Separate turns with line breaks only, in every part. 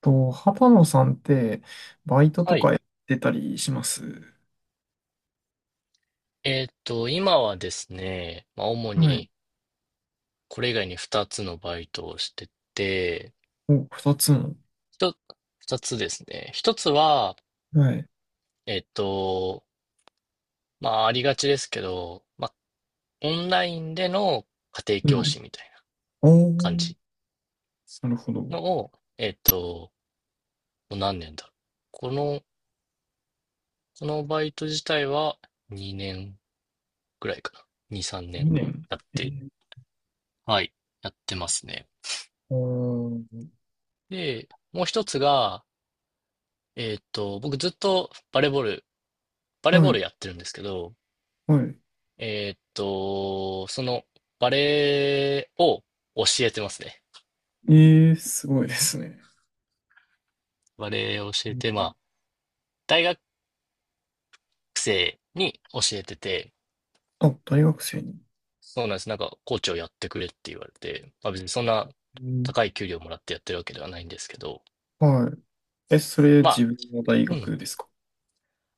と、畑野さんって、バイト
は
と
い。
かやってたりします？
今はですね、まあ、主
はい。
にこれ以外に2つのバイトをしてて、
お、二つの。
一つ2つですね。1つは、
はい。
えーっと、まあ、ありがちですけど、まあ、オンラインでの家庭
う
教
ん。
師みたいな
お
感
ー、
じ
なるほど。
のを、もう何年だろう。この、このバイト自体は2年ぐらいかな。2、3年
二年。
やっ
え
て、
ー。
はい、やってますね。
おー、
で、もう一つが、僕ずっとバレーボ
は
ー
い、
ルやってるんですけど、
はい。
そのバレーを教えてますね。
えー、すごいですね。
バレーを教
う
えて、ま
ん。
あ、大学生に教えてて、
あ、大学生に。
そうなんです。なんか、コーチをやってくれって言われて、まあ別にそんな
うん。
高い給料もらってやってるわけではないんですけど、
はい。え、それ
まあ、
自分の大
うん。
学ですか？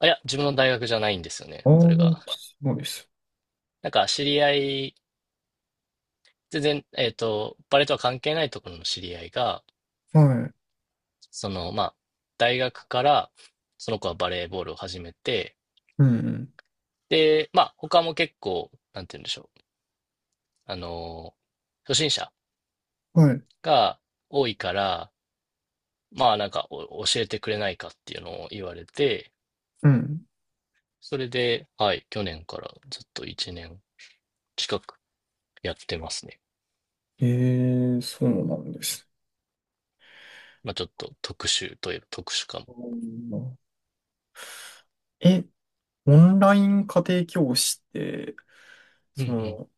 あ、いや、自分の大学じゃないんですよね。
ああ
それ
ー、
が。
そうです。
なんか、知り合い、全然、バレーとは関係ないところの知り合いが、
はい。
その、まあ、大学から、その子はバレーボールを始めて、
うん、
で、まあ、他も結構、なんて言うんでしょう。あの、初心者
うん。はい。
が多いから、まあ、なんかお、教えてくれないかっていうのを言われて、
うん。
それで、はい、去年からずっと1年近くやってますね。
えー、そうなんです。
まあ、ちょっと特殊といえば特殊かも。
うん。え、オンライン家庭教師って、
うんう
そ
ん。
の、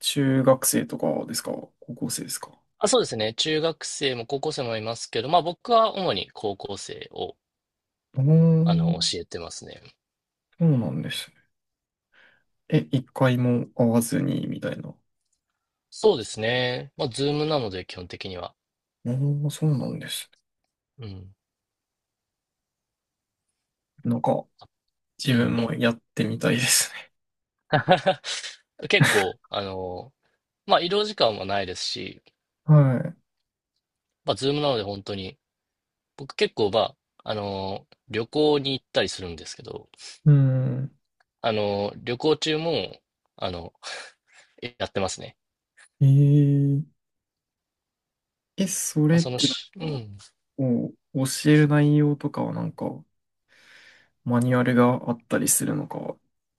中学生とかですか？高校生ですか？
あ、そうですね。中学生も高校生もいますけど、まあ、僕は主に高校生を、
うー
あの、
ん、
教えてますね。
そうなんですね。え、一回も会わずに、みたいな。
そうですね。まあ、ズームなので、基本的には。
うーん、そうなんです
うん。
ね。なんか、
う
自分
ん。
もやってみたいですね。
結構、あの、まあ、移動時間はないですし、
はい。
まあ、ズームなので本当に、僕結構、まあ、あの、旅行に行ったりするんですけど、
うん。
あの、旅行中も、あの、やってますね。
えー、え、そ
まあ、
れっ
その
てなんか、
し、う
こ
ん。
う教える内容とかはなんか、マニュアルがあったりするのか、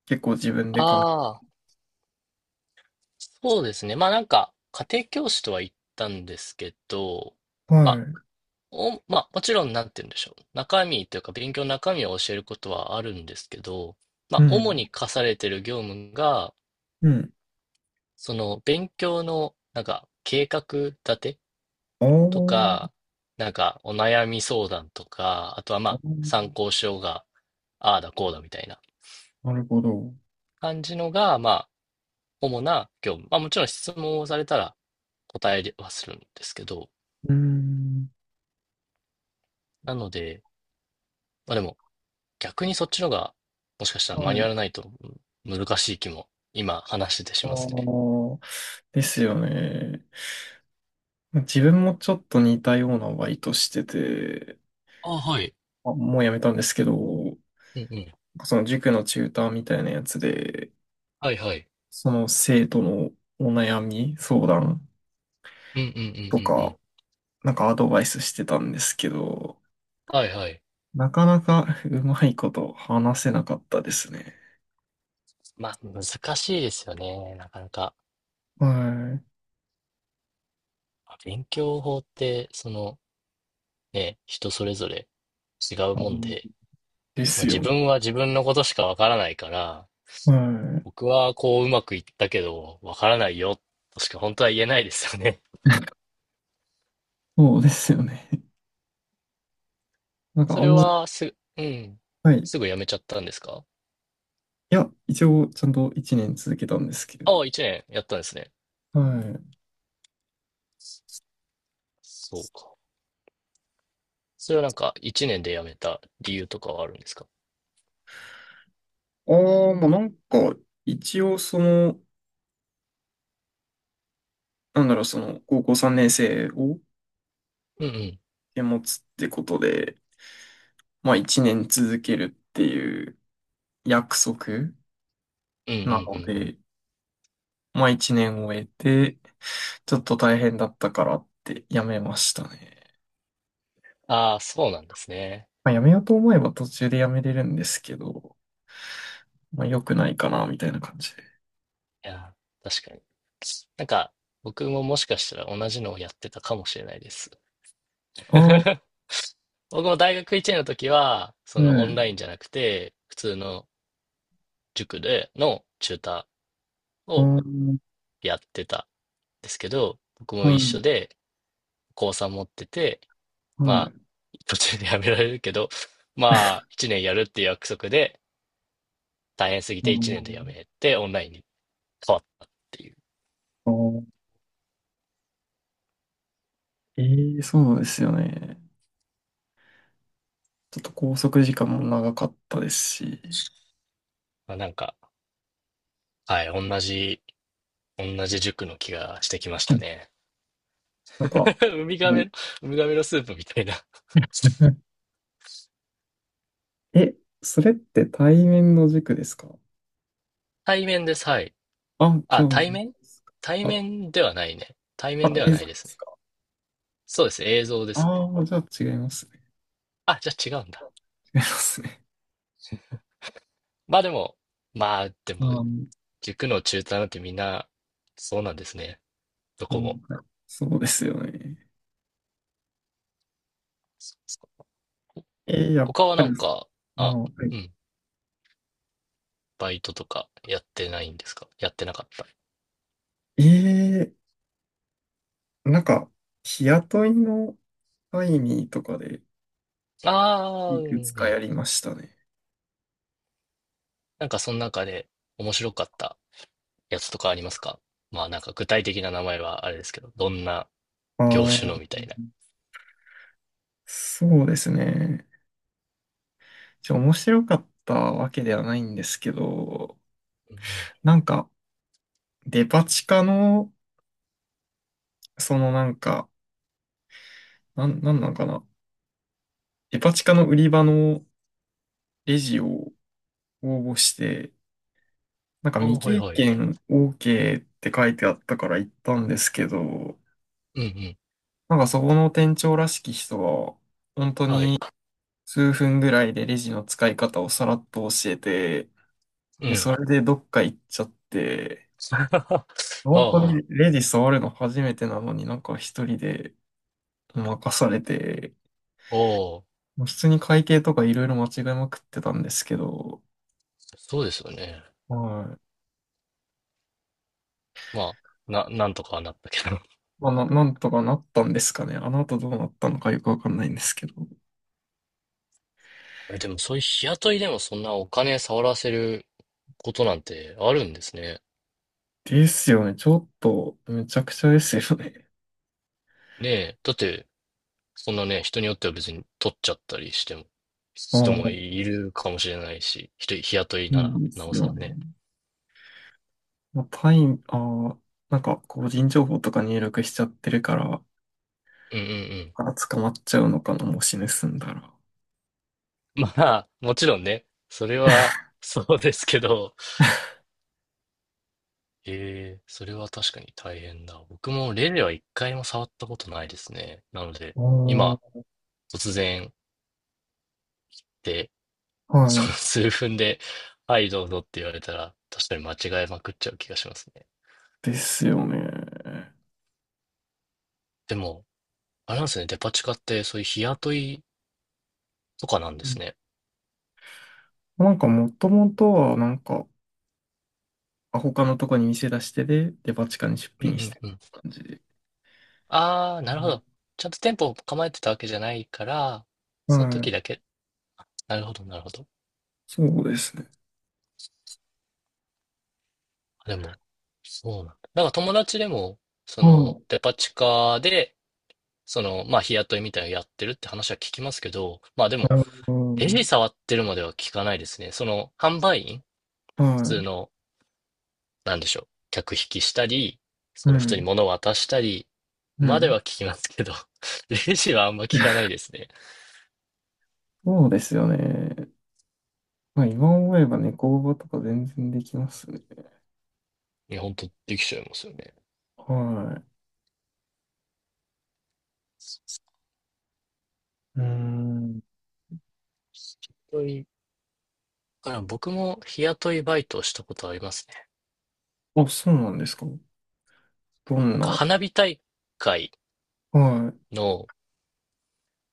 結構自分で考
ああ、そうですね。まあ、なんか、家庭教師とは言ったんですけど、
え、は
ま
い。
まあ、もちろん、なんて言うんでしょう。中身というか、勉強の中身を教えることはあるんですけど、ま
う
あ、主
ん。
に課されている業務が、
うん。
その、勉強の、なんか、計画立て
あ
と
ー、
か、なんか、お悩み相談とか、あとは、ま
あ
あ、参
ー、
考書が、ああだこうだみたいな
なるほど。
感じのが、まあ、主な業務。まあ、もちろん質問をされたら答えはするんですけど、
うーん。
なので、まあでも、逆にそっちのが、もしかしたらマ
は
ニュア
い。
ルないと難しい気も、今話しててし
あ
ますね。
あ、ですよね。自分もちょっと似たようなバイトしてて、
あ、はい。
あ、もうやめたんですけど、
うんうん。
その塾のチューターみたいなやつで、
はいはい。
その生徒のお悩み、相談
うんうんうんう
と
んう
か、
ん。
なんかアドバイスしてたんですけど、
はいはい。
なかなかうまいこと話せなかったですね。
まあ、難しいですよね。なかなか。
はい。
勉強法って、その、ね、人それぞれ違う
あ
もんで、
ので
まあ、
す
自
よね。
分は自分のことしかわからないから、
はい。
僕はこううまくいったけど、わからないよ、としか本当は言えないですよね。
そうですよね。なん か
そ
あ
れ
んま、
はす、うん。
はい。
すぐやめちゃったんですか？
いや、一応ちゃんと1年続けたんですけれど。
ああ、一年やったんですね。
はい。
そうか。それはなんか、一年で辞めた理由とかはあるんですか？
ああ、まあなんか、一応その、なんだろう、その、高校3年生を
うんうん。
持つってことで、まあ1年続けるっていう約束
うんうん
な
う
の
んうん。
で、まあ1年終えて、ちょっと大変だったからって辞めましたね。
ああ、そうなんですね。
まあ辞めようと思えば途中で辞めれるんですけど、まあ良くないかな、みたいな感じで。
いや、確かに。なんか、僕ももしかしたら同じのをやってたかもしれないです。
ああ、はい。
僕も大学1年の時は、そのオンラインじゃなくて、普通の塾でのチューター
ああ、
を
は
やってたんですけど、僕も
い、
一緒で、高3持ってて、
は
まあ、
い。
途中で辞められるけど、まあ、1年やるっていう約束で、大変すぎ
あ
て1年で辞
ー、
めて、オンラインに変わったっていう。
あー、ええ、そうなんですよね。ちょっと拘束時間も長かったですし、
まあ、なんか、はい、同じ塾の気がしてきまし
は
た
い。
ね。
なんか、
ウミガ
もう、
メ、ウミガメのスープみたいな。
うん。え、それって対面の塾ですか？
対面です、はい。
あ、じ
あ、
ゃ
対
あ、あ、
面ではないね。対
あ、
面では
映
な
像
い
で
です
す
ね。
か？
そうです、映像です
あ
ね。
あー、じゃあ違いますね。
あ、じゃあ違うんだ。
違いますね。
まあでも、まあで も、
あー、
塾の中退なんてみんな、そうなんですね。ど
な
こも。
んかそうですよね。やっ
他は
ぱ
な
り、
んか、
あー、
あ、
は
うん。バイトとかやってないんですか？やってなかっ
い、なんか、日雇いの会議とかで
た？ああ、
い
うん、う
くつかや
ん。
りましたね。
なんかその中で面白かったやつとかありますか？まあなんか具体的な名前はあれですけど、どんな業
あ
種の
あ。
みたいな。
そうですね。面白かったわけではないんですけど、
うんうん。
なんか、デパ地下の、そのなんか、なんなんかな。デパ地下の売り場のレジを応募して、なんか
ああ、
未
はい
経
はい。
験 OK って書いてあったから行ったんですけど、
うんうん。
なんかそこの店長らしき人が、本当
はい。
に数分ぐらいでレジの使い方をさらっと教えて、
う
で、
ん。
それでどっか行っちゃって、
ああ、
本当
ああ、
にレディ触るの初めてなのになんか一人で任されて、
おー
もう普通に会計とかいろいろ間違えまくってたんですけど、
そうですよね。
はい。
まあ、なんとかはなったけど。
まあ、なんとかなったんですかね。あの後どうなったのかよくわかんないんですけど。
えでもそういう日雇いでもそんなお金触らせることなんてあるんですね。
ですよね。ちょっと、めちゃくちゃですよね。
ねえ。だって、そんなね、人によっては別に取っちゃったりしても、
ああ、
人も
そ
いるかもしれないし、人、日雇いな
う
ら、
で
な
す
お
よ
さら
ね。
ね。
まあ、タイム、ああ、なんか個人情報とか入力しちゃってるから、
うんうんうん。
あ、捕まっちゃうのかな、もし盗んだら。
まあ、もちろんね、それは、そうですけど、ええ、それは確かに大変だ。僕もレジは一回も触ったことないですね。なので、
あ
今、
あ、
突然で、
は
その
い。
数分で、はい、どうぞって言われたら、確かに間違えまくっちゃう気がしますね。
ですよね。
でも、あれなんですね、デパ地下って、そういう日雇いとかなんですね。
なんかもともとはなんか、あ他のとこに店出してで、デパ地下に出
うんう
品して
ん
る
うん。
感じで。
ああ、なるほど。ちゃんと店舗を構えてたわけじゃないから、
う
その
ん。
時
はい。
だけ。なるほど、なるほど。
そうですね。
あでも、そうなんだ。なんか友達でも、そ
は
の、
い。
デパ地下で、その、まあ、日雇いみたいなのやってるって話は聞きますけど、まあで
な
も、
るほ
レジ触ってるまでは聞かないですね。その、販売員、
ど。
普
は
通
い。
の、なんでしょう、客引きしたり、
う
その、普通に
ん。
物を渡したり、
う
までは
ん。
聞きますけど、レジはあんま聞かない ですね。
そうですよね。まあ今思えば猫バとか全然できますね。
いや、本当できちゃいますよね。
はい。うーん。
本当にだから僕も日雇いバイトをしたことありますね。
あ、そうなんですか。どん
なんか
な。
会
はい。
の、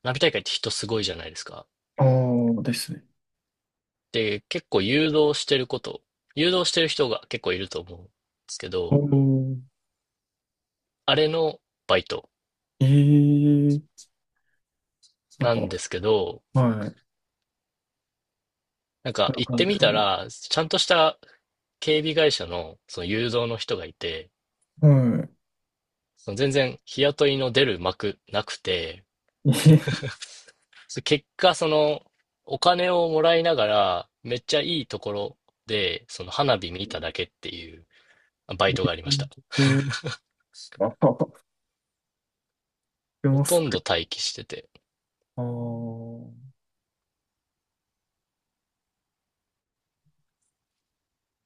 花火大会って人すごいじゃないですか。
ああ、ですね。
で、結構誘導してる人が結構いると思うんですけ
お
ど、
ー。
あれのバイト
ええー、なん
な
か、は
んで
い。
すけど、なんか
こういう
行っ
感
て
じ
みた
そ
ら、ちゃんとした警備会社のその誘導の人がいて、
う。は
その全然日雇いの出る幕なくて、
い。ええ
結果、その、お金をもらいながら、めっちゃいいところで、その花火見ただけっていうバイトがありました。
えー、あったあった、で
ほ
も
と
そ
んど
れ、
待機してて。
あー